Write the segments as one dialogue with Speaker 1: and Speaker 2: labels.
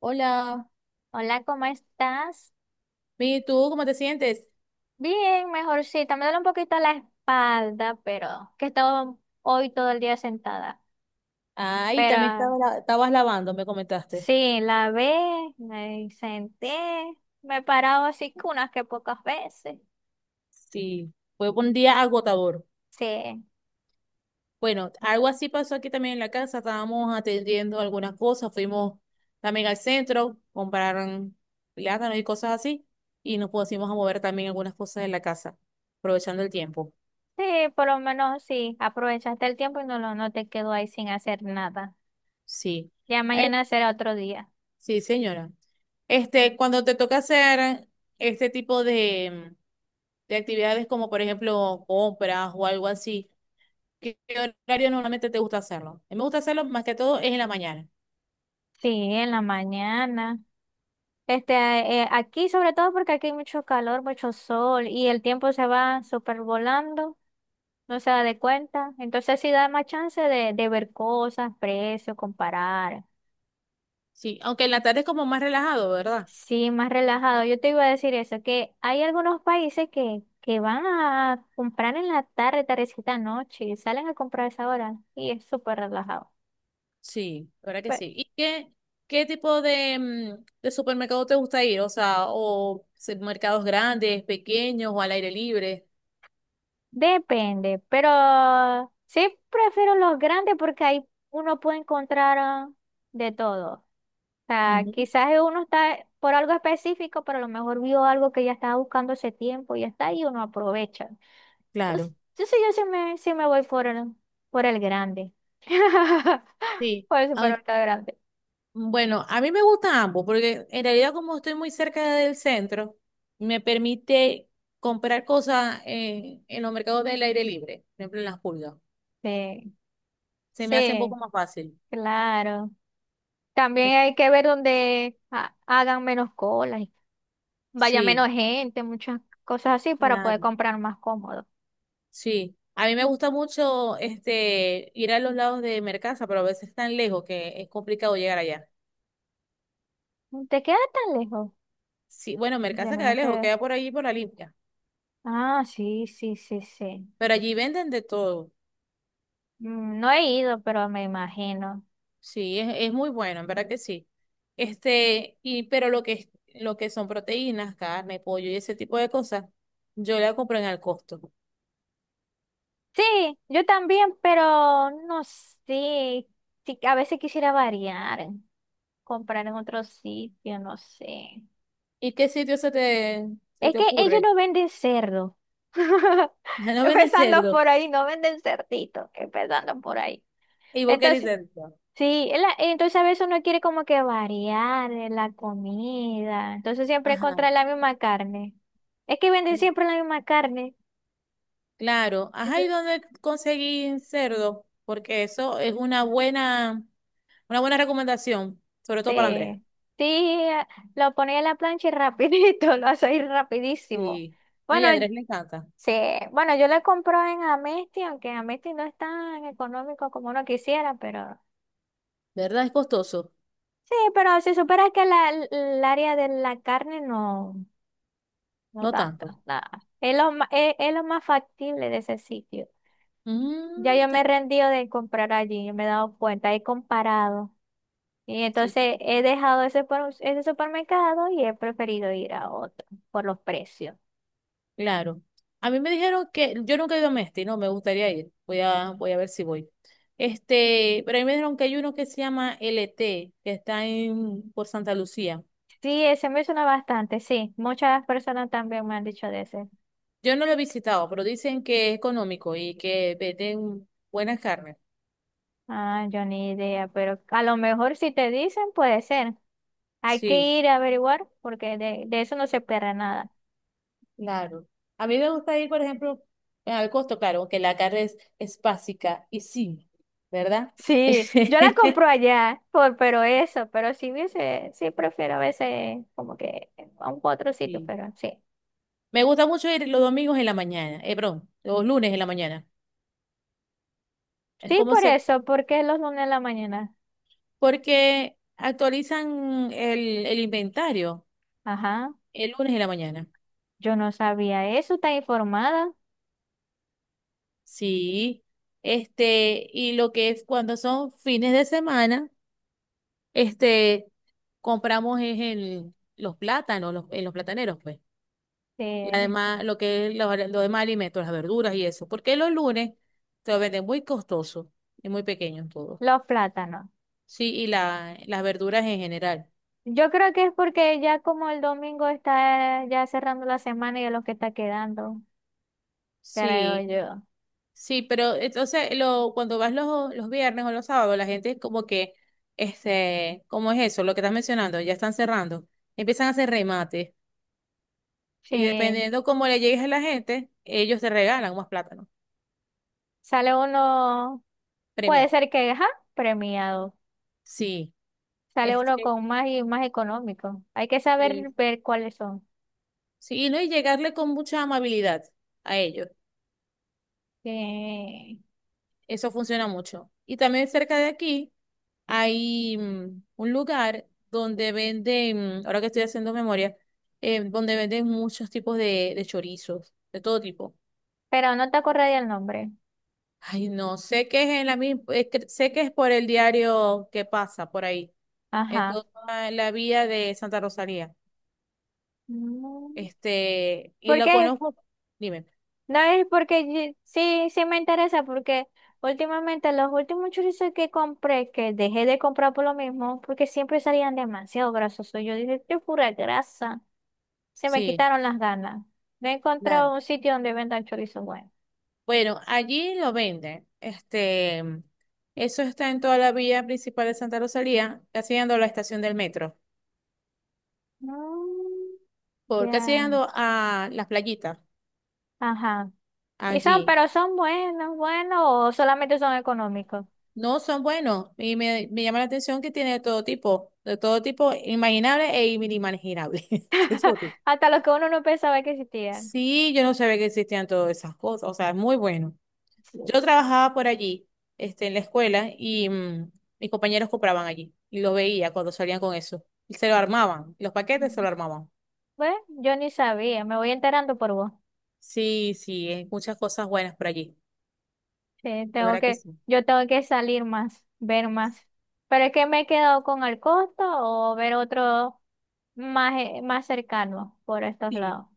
Speaker 1: Hola,
Speaker 2: Hola, ¿cómo estás?
Speaker 1: bien, ¿y tú cómo te sientes?
Speaker 2: Bien, mejorcita. Me duele un poquito la espalda, pero que he estado hoy todo el día sentada.
Speaker 1: Ay,
Speaker 2: Pero
Speaker 1: también estaba estabas lavando, me comentaste.
Speaker 2: sí, la ve, me senté, me he parado así que unas que pocas veces.
Speaker 1: Sí, fue un día agotador.
Speaker 2: Sí,
Speaker 1: Bueno, algo así pasó aquí también en la casa. Estábamos atendiendo algunas cosas, fuimos también al centro, compraron plátanos y cosas así, y nos pusimos a mover también algunas cosas en la casa, aprovechando el tiempo.
Speaker 2: sí, por lo menos sí, aprovechaste el tiempo y no, no te quedó ahí sin hacer nada.
Speaker 1: Sí.
Speaker 2: Ya
Speaker 1: Eh,
Speaker 2: mañana será otro día.
Speaker 1: sí, señora. Cuando te toca hacer este tipo de actividades, como por ejemplo compras o algo así. ¿Qué horario normalmente te gusta hacerlo? A mí me gusta hacerlo más que todo es en la mañana.
Speaker 2: Sí, en la mañana. Este, aquí sobre todo porque aquí hay mucho calor, mucho sol y el tiempo se va súper volando. No se da de cuenta. Entonces sí da más chance de ver cosas, precios, comparar.
Speaker 1: Sí, aunque en la tarde es como más relajado, ¿verdad?
Speaker 2: Sí, más relajado. Yo te iba a decir eso, que, hay algunos países que van a comprar en la tarde, tardecita, noche, y salen a comprar a esa hora y es súper relajado.
Speaker 1: Sí. La verdad que
Speaker 2: Pues,
Speaker 1: sí. ¿Y qué, qué tipo de, de supermercado te gusta ir? O sea, mercados grandes, pequeños o al aire libre.
Speaker 2: depende, pero sí prefiero los grandes porque ahí uno puede encontrar de todo. Sea,
Speaker 1: Ujú.
Speaker 2: quizás uno está por algo específico, pero a lo mejor vio algo que ya estaba buscando hace tiempo y ya está y uno aprovecha. Entonces,
Speaker 1: Claro.
Speaker 2: sí me voy por el grande.
Speaker 1: Sí.
Speaker 2: Por el
Speaker 1: Ay,
Speaker 2: supermercado grande.
Speaker 1: bueno, a mí me gustan ambos porque en realidad como estoy muy cerca del centro, me permite comprar cosas en los mercados del aire libre, por ejemplo en las pulgas.
Speaker 2: Sí,
Speaker 1: Se me hace un poco
Speaker 2: sí,
Speaker 1: más fácil.
Speaker 2: claro.
Speaker 1: Eh,
Speaker 2: También hay que ver donde hagan menos colas, y vaya
Speaker 1: Sí,
Speaker 2: menos gente, muchas cosas así para poder
Speaker 1: claro,
Speaker 2: comprar más cómodo.
Speaker 1: sí. A mí me gusta mucho ir a los lados de Mercasa, pero a veces es tan lejos que es complicado llegar allá.
Speaker 2: ¿Te queda tan lejos?
Speaker 1: Sí, bueno,
Speaker 2: Yo
Speaker 1: Mercasa
Speaker 2: no me
Speaker 1: queda lejos,
Speaker 2: estoy-
Speaker 1: queda por allí por la limpia,
Speaker 2: Ah, sí, sí, sí, sí.
Speaker 1: pero allí venden de todo.
Speaker 2: Mm, no he ido, pero me imagino.
Speaker 1: Sí, es muy bueno, en verdad que sí. Y pero lo que son proteínas, carne, pollo y ese tipo de cosas, yo la compro en al costo.
Speaker 2: Sí, yo también, pero no sé. Sí, a veces quisiera variar, comprar en otro sitio, no sé.
Speaker 1: ¿Y qué sitio se
Speaker 2: Es
Speaker 1: te
Speaker 2: que ellos
Speaker 1: ocurre?
Speaker 2: no venden cerdo.
Speaker 1: No venden
Speaker 2: Empezando
Speaker 1: cerdo
Speaker 2: por ahí, no venden cerdito, empezando por ahí.
Speaker 1: y vos querés
Speaker 2: Entonces,
Speaker 1: cerdo.
Speaker 2: sí, entonces a veces uno quiere como que variar en la comida. Entonces siempre
Speaker 1: Ajá.
Speaker 2: encontrar la misma carne. Es que venden siempre la misma carne.
Speaker 1: Claro, ajá, ¿y dónde conseguí cerdo? Porque eso es una buena recomendación, sobre todo para Andrés.
Speaker 2: Sí, sí, lo ponía en la plancha y rapidito, lo hace ir rapidísimo.
Speaker 1: Sí. No, y
Speaker 2: Bueno,
Speaker 1: a Andrés le encanta.
Speaker 2: sí, bueno, yo le compro en Amesti, aunque Amesti no es tan económico como uno quisiera, pero
Speaker 1: ¿Verdad? Es costoso.
Speaker 2: sí, pero si supieras que el área de la carne no, no
Speaker 1: No
Speaker 2: tanto,
Speaker 1: tanto.
Speaker 2: nada. Es lo, es lo más factible de ese sitio.
Speaker 1: Mm,
Speaker 2: Ya yo me
Speaker 1: ta-
Speaker 2: he rendido de comprar allí, me he dado cuenta, he comparado. Y
Speaker 1: sí,
Speaker 2: entonces he dejado ese supermercado y he preferido ir a otro por los precios.
Speaker 1: claro. A mí me dijeron que yo nunca he ido a Mesti, no, me gustaría ir. Voy a ver si voy. Pero a mí me dijeron que hay uno que se llama LT, que está en, por Santa Lucía.
Speaker 2: Sí, ese me suena bastante, sí. Muchas personas también me han dicho de ese.
Speaker 1: Yo no lo he visitado, pero dicen que es económico y que venden buenas carnes.
Speaker 2: Ah, yo ni idea, pero a lo mejor si te dicen puede ser. Hay
Speaker 1: Sí.
Speaker 2: que ir a averiguar porque de eso no se pierde nada.
Speaker 1: Claro. A mí me gusta ir, por ejemplo, al costo, claro, aunque la carne es básica y sí, ¿verdad?
Speaker 2: Sí, yo la compro allá, por, pero eso, pero si hubiese, sí prefiero a veces como que a un otro sitio,
Speaker 1: Sí.
Speaker 2: pero sí.
Speaker 1: Me gusta mucho ir los domingos en la mañana, perdón, los lunes en la mañana. Es
Speaker 2: Sí,
Speaker 1: como
Speaker 2: por
Speaker 1: se,
Speaker 2: eso, porque es los lunes en la mañana.
Speaker 1: porque actualizan el inventario
Speaker 2: Ajá.
Speaker 1: el lunes en la mañana.
Speaker 2: Yo no sabía eso, está informada
Speaker 1: Sí. Y lo que es cuando son fines de semana, este, compramos es los plátanos, los, en los plataneros, pues. Y
Speaker 2: de
Speaker 1: además, lo que es lo demás alimentos, las verduras y eso. Porque los lunes te lo venden muy costoso y muy pequeño todo.
Speaker 2: los plátanos.
Speaker 1: Sí, y las verduras en general.
Speaker 2: Yo creo que es porque ya como el domingo está ya cerrando la semana y es lo que está quedando, creo
Speaker 1: Sí,
Speaker 2: yo.
Speaker 1: sí, pero entonces lo, cuando vas los viernes o los sábados, la gente es como que, ¿cómo es eso? Lo que estás mencionando, ya están cerrando. Empiezan a hacer remates. Y
Speaker 2: Sí,
Speaker 1: dependiendo cómo le llegues a la gente, ellos te regalan más plátano,
Speaker 2: sale uno, puede
Speaker 1: premiado.
Speaker 2: ser que, ajá, premiado.
Speaker 1: Sí,
Speaker 2: Sale uno
Speaker 1: este,
Speaker 2: con más y más económico. Hay que
Speaker 1: sí,
Speaker 2: saber ver cuáles son.
Speaker 1: sí, y no, y llegarle con mucha amabilidad a ellos.
Speaker 2: Sí.
Speaker 1: Eso funciona mucho. Y también cerca de aquí hay un lugar donde venden, ahora que estoy haciendo memoria, donde venden muchos tipos de chorizos, de todo tipo.
Speaker 2: Pero no te acordaría el nombre.
Speaker 1: Ay, no, sé que es en la misma, sé que es por el diario que pasa por ahí, en
Speaker 2: Ajá.
Speaker 1: toda la vía de Santa Rosalía.
Speaker 2: Mm,
Speaker 1: Y
Speaker 2: ¿por
Speaker 1: lo
Speaker 2: qué?
Speaker 1: conozco, dime,
Speaker 2: No es porque sí, sí me interesa, porque últimamente los últimos chorizos que compré, que dejé de comprar por lo mismo, porque siempre salían demasiado grasosos. Yo dije, qué pura grasa. Se me
Speaker 1: sí.
Speaker 2: quitaron las ganas. No he encontrado un sitio donde vendan chorizos buenos.
Speaker 1: Bueno, allí lo venden. Eso está en toda la vía principal de Santa Rosalía, casi llegando a la estación del metro,
Speaker 2: Mm,
Speaker 1: por casi
Speaker 2: ya,
Speaker 1: llegando a las playitas
Speaker 2: ajá. Y son,
Speaker 1: allí.
Speaker 2: pero son buenos, buenos, o solamente son económicos.
Speaker 1: No son buenos y me llama la atención que tiene de todo tipo, imaginable e inimaginable. De todo tipo.
Speaker 2: Hasta los que uno no pensaba que existían.
Speaker 1: Sí, yo no sabía que existían todas esas cosas, o sea, es muy bueno. Yo
Speaker 2: Sí.
Speaker 1: trabajaba por allí, en la escuela, y mis compañeros compraban allí. Y lo veía cuando salían con eso. Y se lo armaban. Los paquetes se lo armaban.
Speaker 2: Bueno, yo ni sabía, me voy enterando por vos.
Speaker 1: Sí, sí, hay muchas cosas buenas por allí.
Speaker 2: Sí,
Speaker 1: De
Speaker 2: tengo
Speaker 1: verdad que
Speaker 2: que,
Speaker 1: sí.
Speaker 2: yo tengo que salir más, ver más. Pero es que me he quedado con el costo o ver otro más, más cercano por estos
Speaker 1: Sí.
Speaker 2: lados.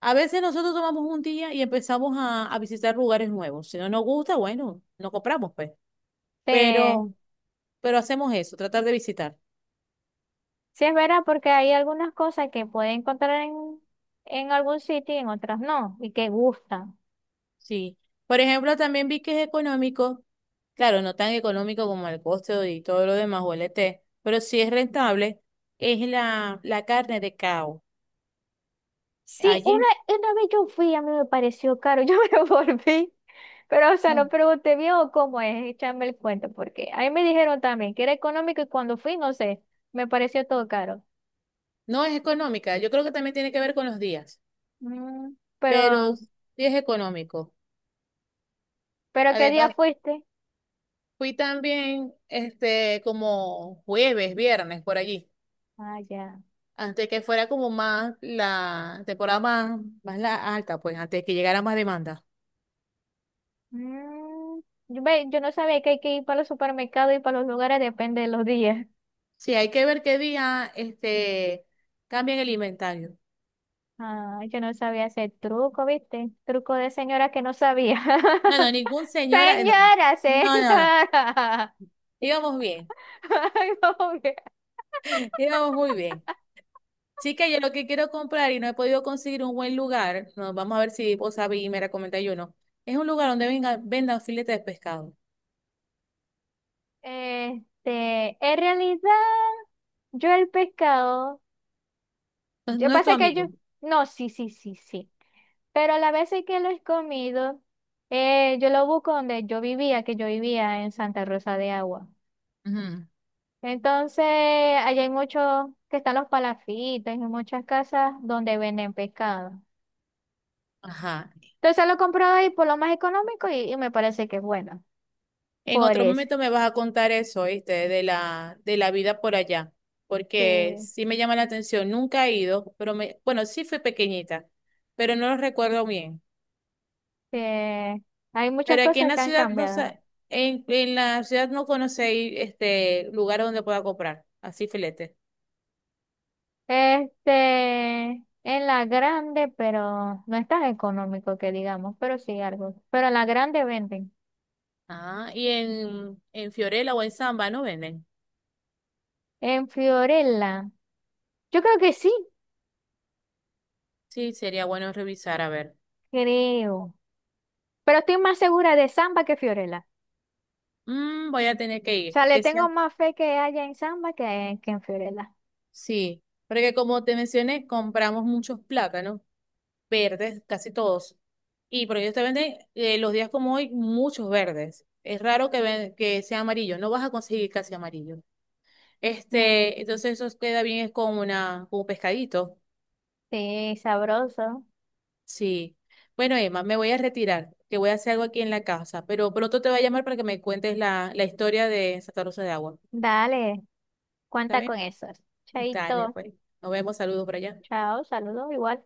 Speaker 1: A veces nosotros tomamos un día y empezamos a visitar lugares nuevos. Si no nos gusta, bueno, no compramos, pues.
Speaker 2: Sí,
Speaker 1: Pero, pero hacemos eso, tratar de visitar.
Speaker 2: sí es verdad porque hay algunas cosas que puede encontrar en algún sitio y en otras no, y que gustan.
Speaker 1: Sí. Por ejemplo, también vi que es económico, claro, no tan económico como el costo y todo lo demás o el ET, pero sí es rentable, es la carne de cao.
Speaker 2: Sí,
Speaker 1: Allí
Speaker 2: una vez yo fui, a mí me pareció caro, yo me volví. Pero, o sea, no
Speaker 1: no,
Speaker 2: pregunté bien o cómo es, échame el cuento, porque ahí me dijeron también que era económico y cuando fui, no sé, me pareció todo caro.
Speaker 1: no es económica, yo creo que también tiene que ver con los días,
Speaker 2: Mm,
Speaker 1: pero sí es económico.
Speaker 2: pero ¿qué día
Speaker 1: Además,
Speaker 2: fuiste?
Speaker 1: fui también como jueves, viernes, por allí,
Speaker 2: Ah, ya.
Speaker 1: antes que fuera como más la temporada más, más la alta, pues antes que llegara más demanda.
Speaker 2: Mm, yo no sabía que hay que ir para los supermercados y para los lugares, depende de los días.
Speaker 1: Sí, hay que ver qué día cambian el inventario.
Speaker 2: Ah, yo no sabía ese truco, ¿viste? Truco de señora que no sabía.
Speaker 1: No, no, ningún señor. No, no,
Speaker 2: Señora,
Speaker 1: no, no, no.
Speaker 2: señora.
Speaker 1: Íbamos bien,
Speaker 2: Ay, como que...
Speaker 1: íbamos muy bien. Chica, yo lo que quiero comprar y no he podido conseguir un buen lugar, no, vamos a ver si vos sabés y me recomendáis yo no. Es un lugar donde venga, vendan filetes de pescado.
Speaker 2: Este, en realidad, yo el pescado.
Speaker 1: No,
Speaker 2: Yo
Speaker 1: no es tu
Speaker 2: pasa que yo,
Speaker 1: amigo.
Speaker 2: no, sí, sí, sí, sí. Pero la vez sí que lo he comido, yo lo busco donde yo vivía, que yo vivía en Santa Rosa de Agua.
Speaker 1: Ujú.
Speaker 2: Entonces, allá hay muchos, que están los palafitos, y muchas casas donde venden pescado.
Speaker 1: Ajá.
Speaker 2: Entonces lo compro ahí por lo más económico y me parece que es bueno.
Speaker 1: En
Speaker 2: Por
Speaker 1: otro
Speaker 2: eso.
Speaker 1: momento me vas a contar eso, ¿viste? De de la vida por allá, porque
Speaker 2: Sí,
Speaker 1: sí me llama la atención. Nunca he ido, pero me, bueno, sí fui pequeñita, pero no lo recuerdo bien.
Speaker 2: sí. Hay muchas
Speaker 1: Pero aquí en
Speaker 2: cosas
Speaker 1: la
Speaker 2: que han
Speaker 1: ciudad no
Speaker 2: cambiado.
Speaker 1: sé, en la ciudad no conocí este lugar donde pueda comprar, así filete.
Speaker 2: Este, en la grande, pero no es tan económico que digamos, pero sí algo. Pero en la grande venden.
Speaker 1: Ah, y en Fiorella o en Samba no venden.
Speaker 2: En Fiorella, yo creo que sí,
Speaker 1: Sí, sería bueno revisar, a ver.
Speaker 2: creo. Pero estoy más segura de Samba que Fiorella.
Speaker 1: Mm, voy a tener que
Speaker 2: O
Speaker 1: ir,
Speaker 2: sea, le
Speaker 1: porque
Speaker 2: tengo
Speaker 1: sean,
Speaker 2: más fe que haya en Samba que en Fiorella.
Speaker 1: sí, porque como te mencioné, compramos muchos plátanos. Verdes, casi todos. Y por ellos te venden los días como hoy muchos verdes. Es raro que, que sea amarillo, no vas a conseguir casi amarillo.
Speaker 2: Mm,
Speaker 1: Entonces eso queda bien es con una, con un pescadito.
Speaker 2: sí, sabroso.
Speaker 1: Sí. Bueno, Emma, me voy a retirar, que voy a hacer algo aquí en la casa, pero pronto te voy a llamar para que me cuentes la historia de Santa Rosa de Agua.
Speaker 2: Dale,
Speaker 1: ¿Está
Speaker 2: cuenta con
Speaker 1: bien?
Speaker 2: eso.
Speaker 1: Dale,
Speaker 2: Chaito,
Speaker 1: pues. Nos vemos, saludos por allá.
Speaker 2: chao, saludos, igual.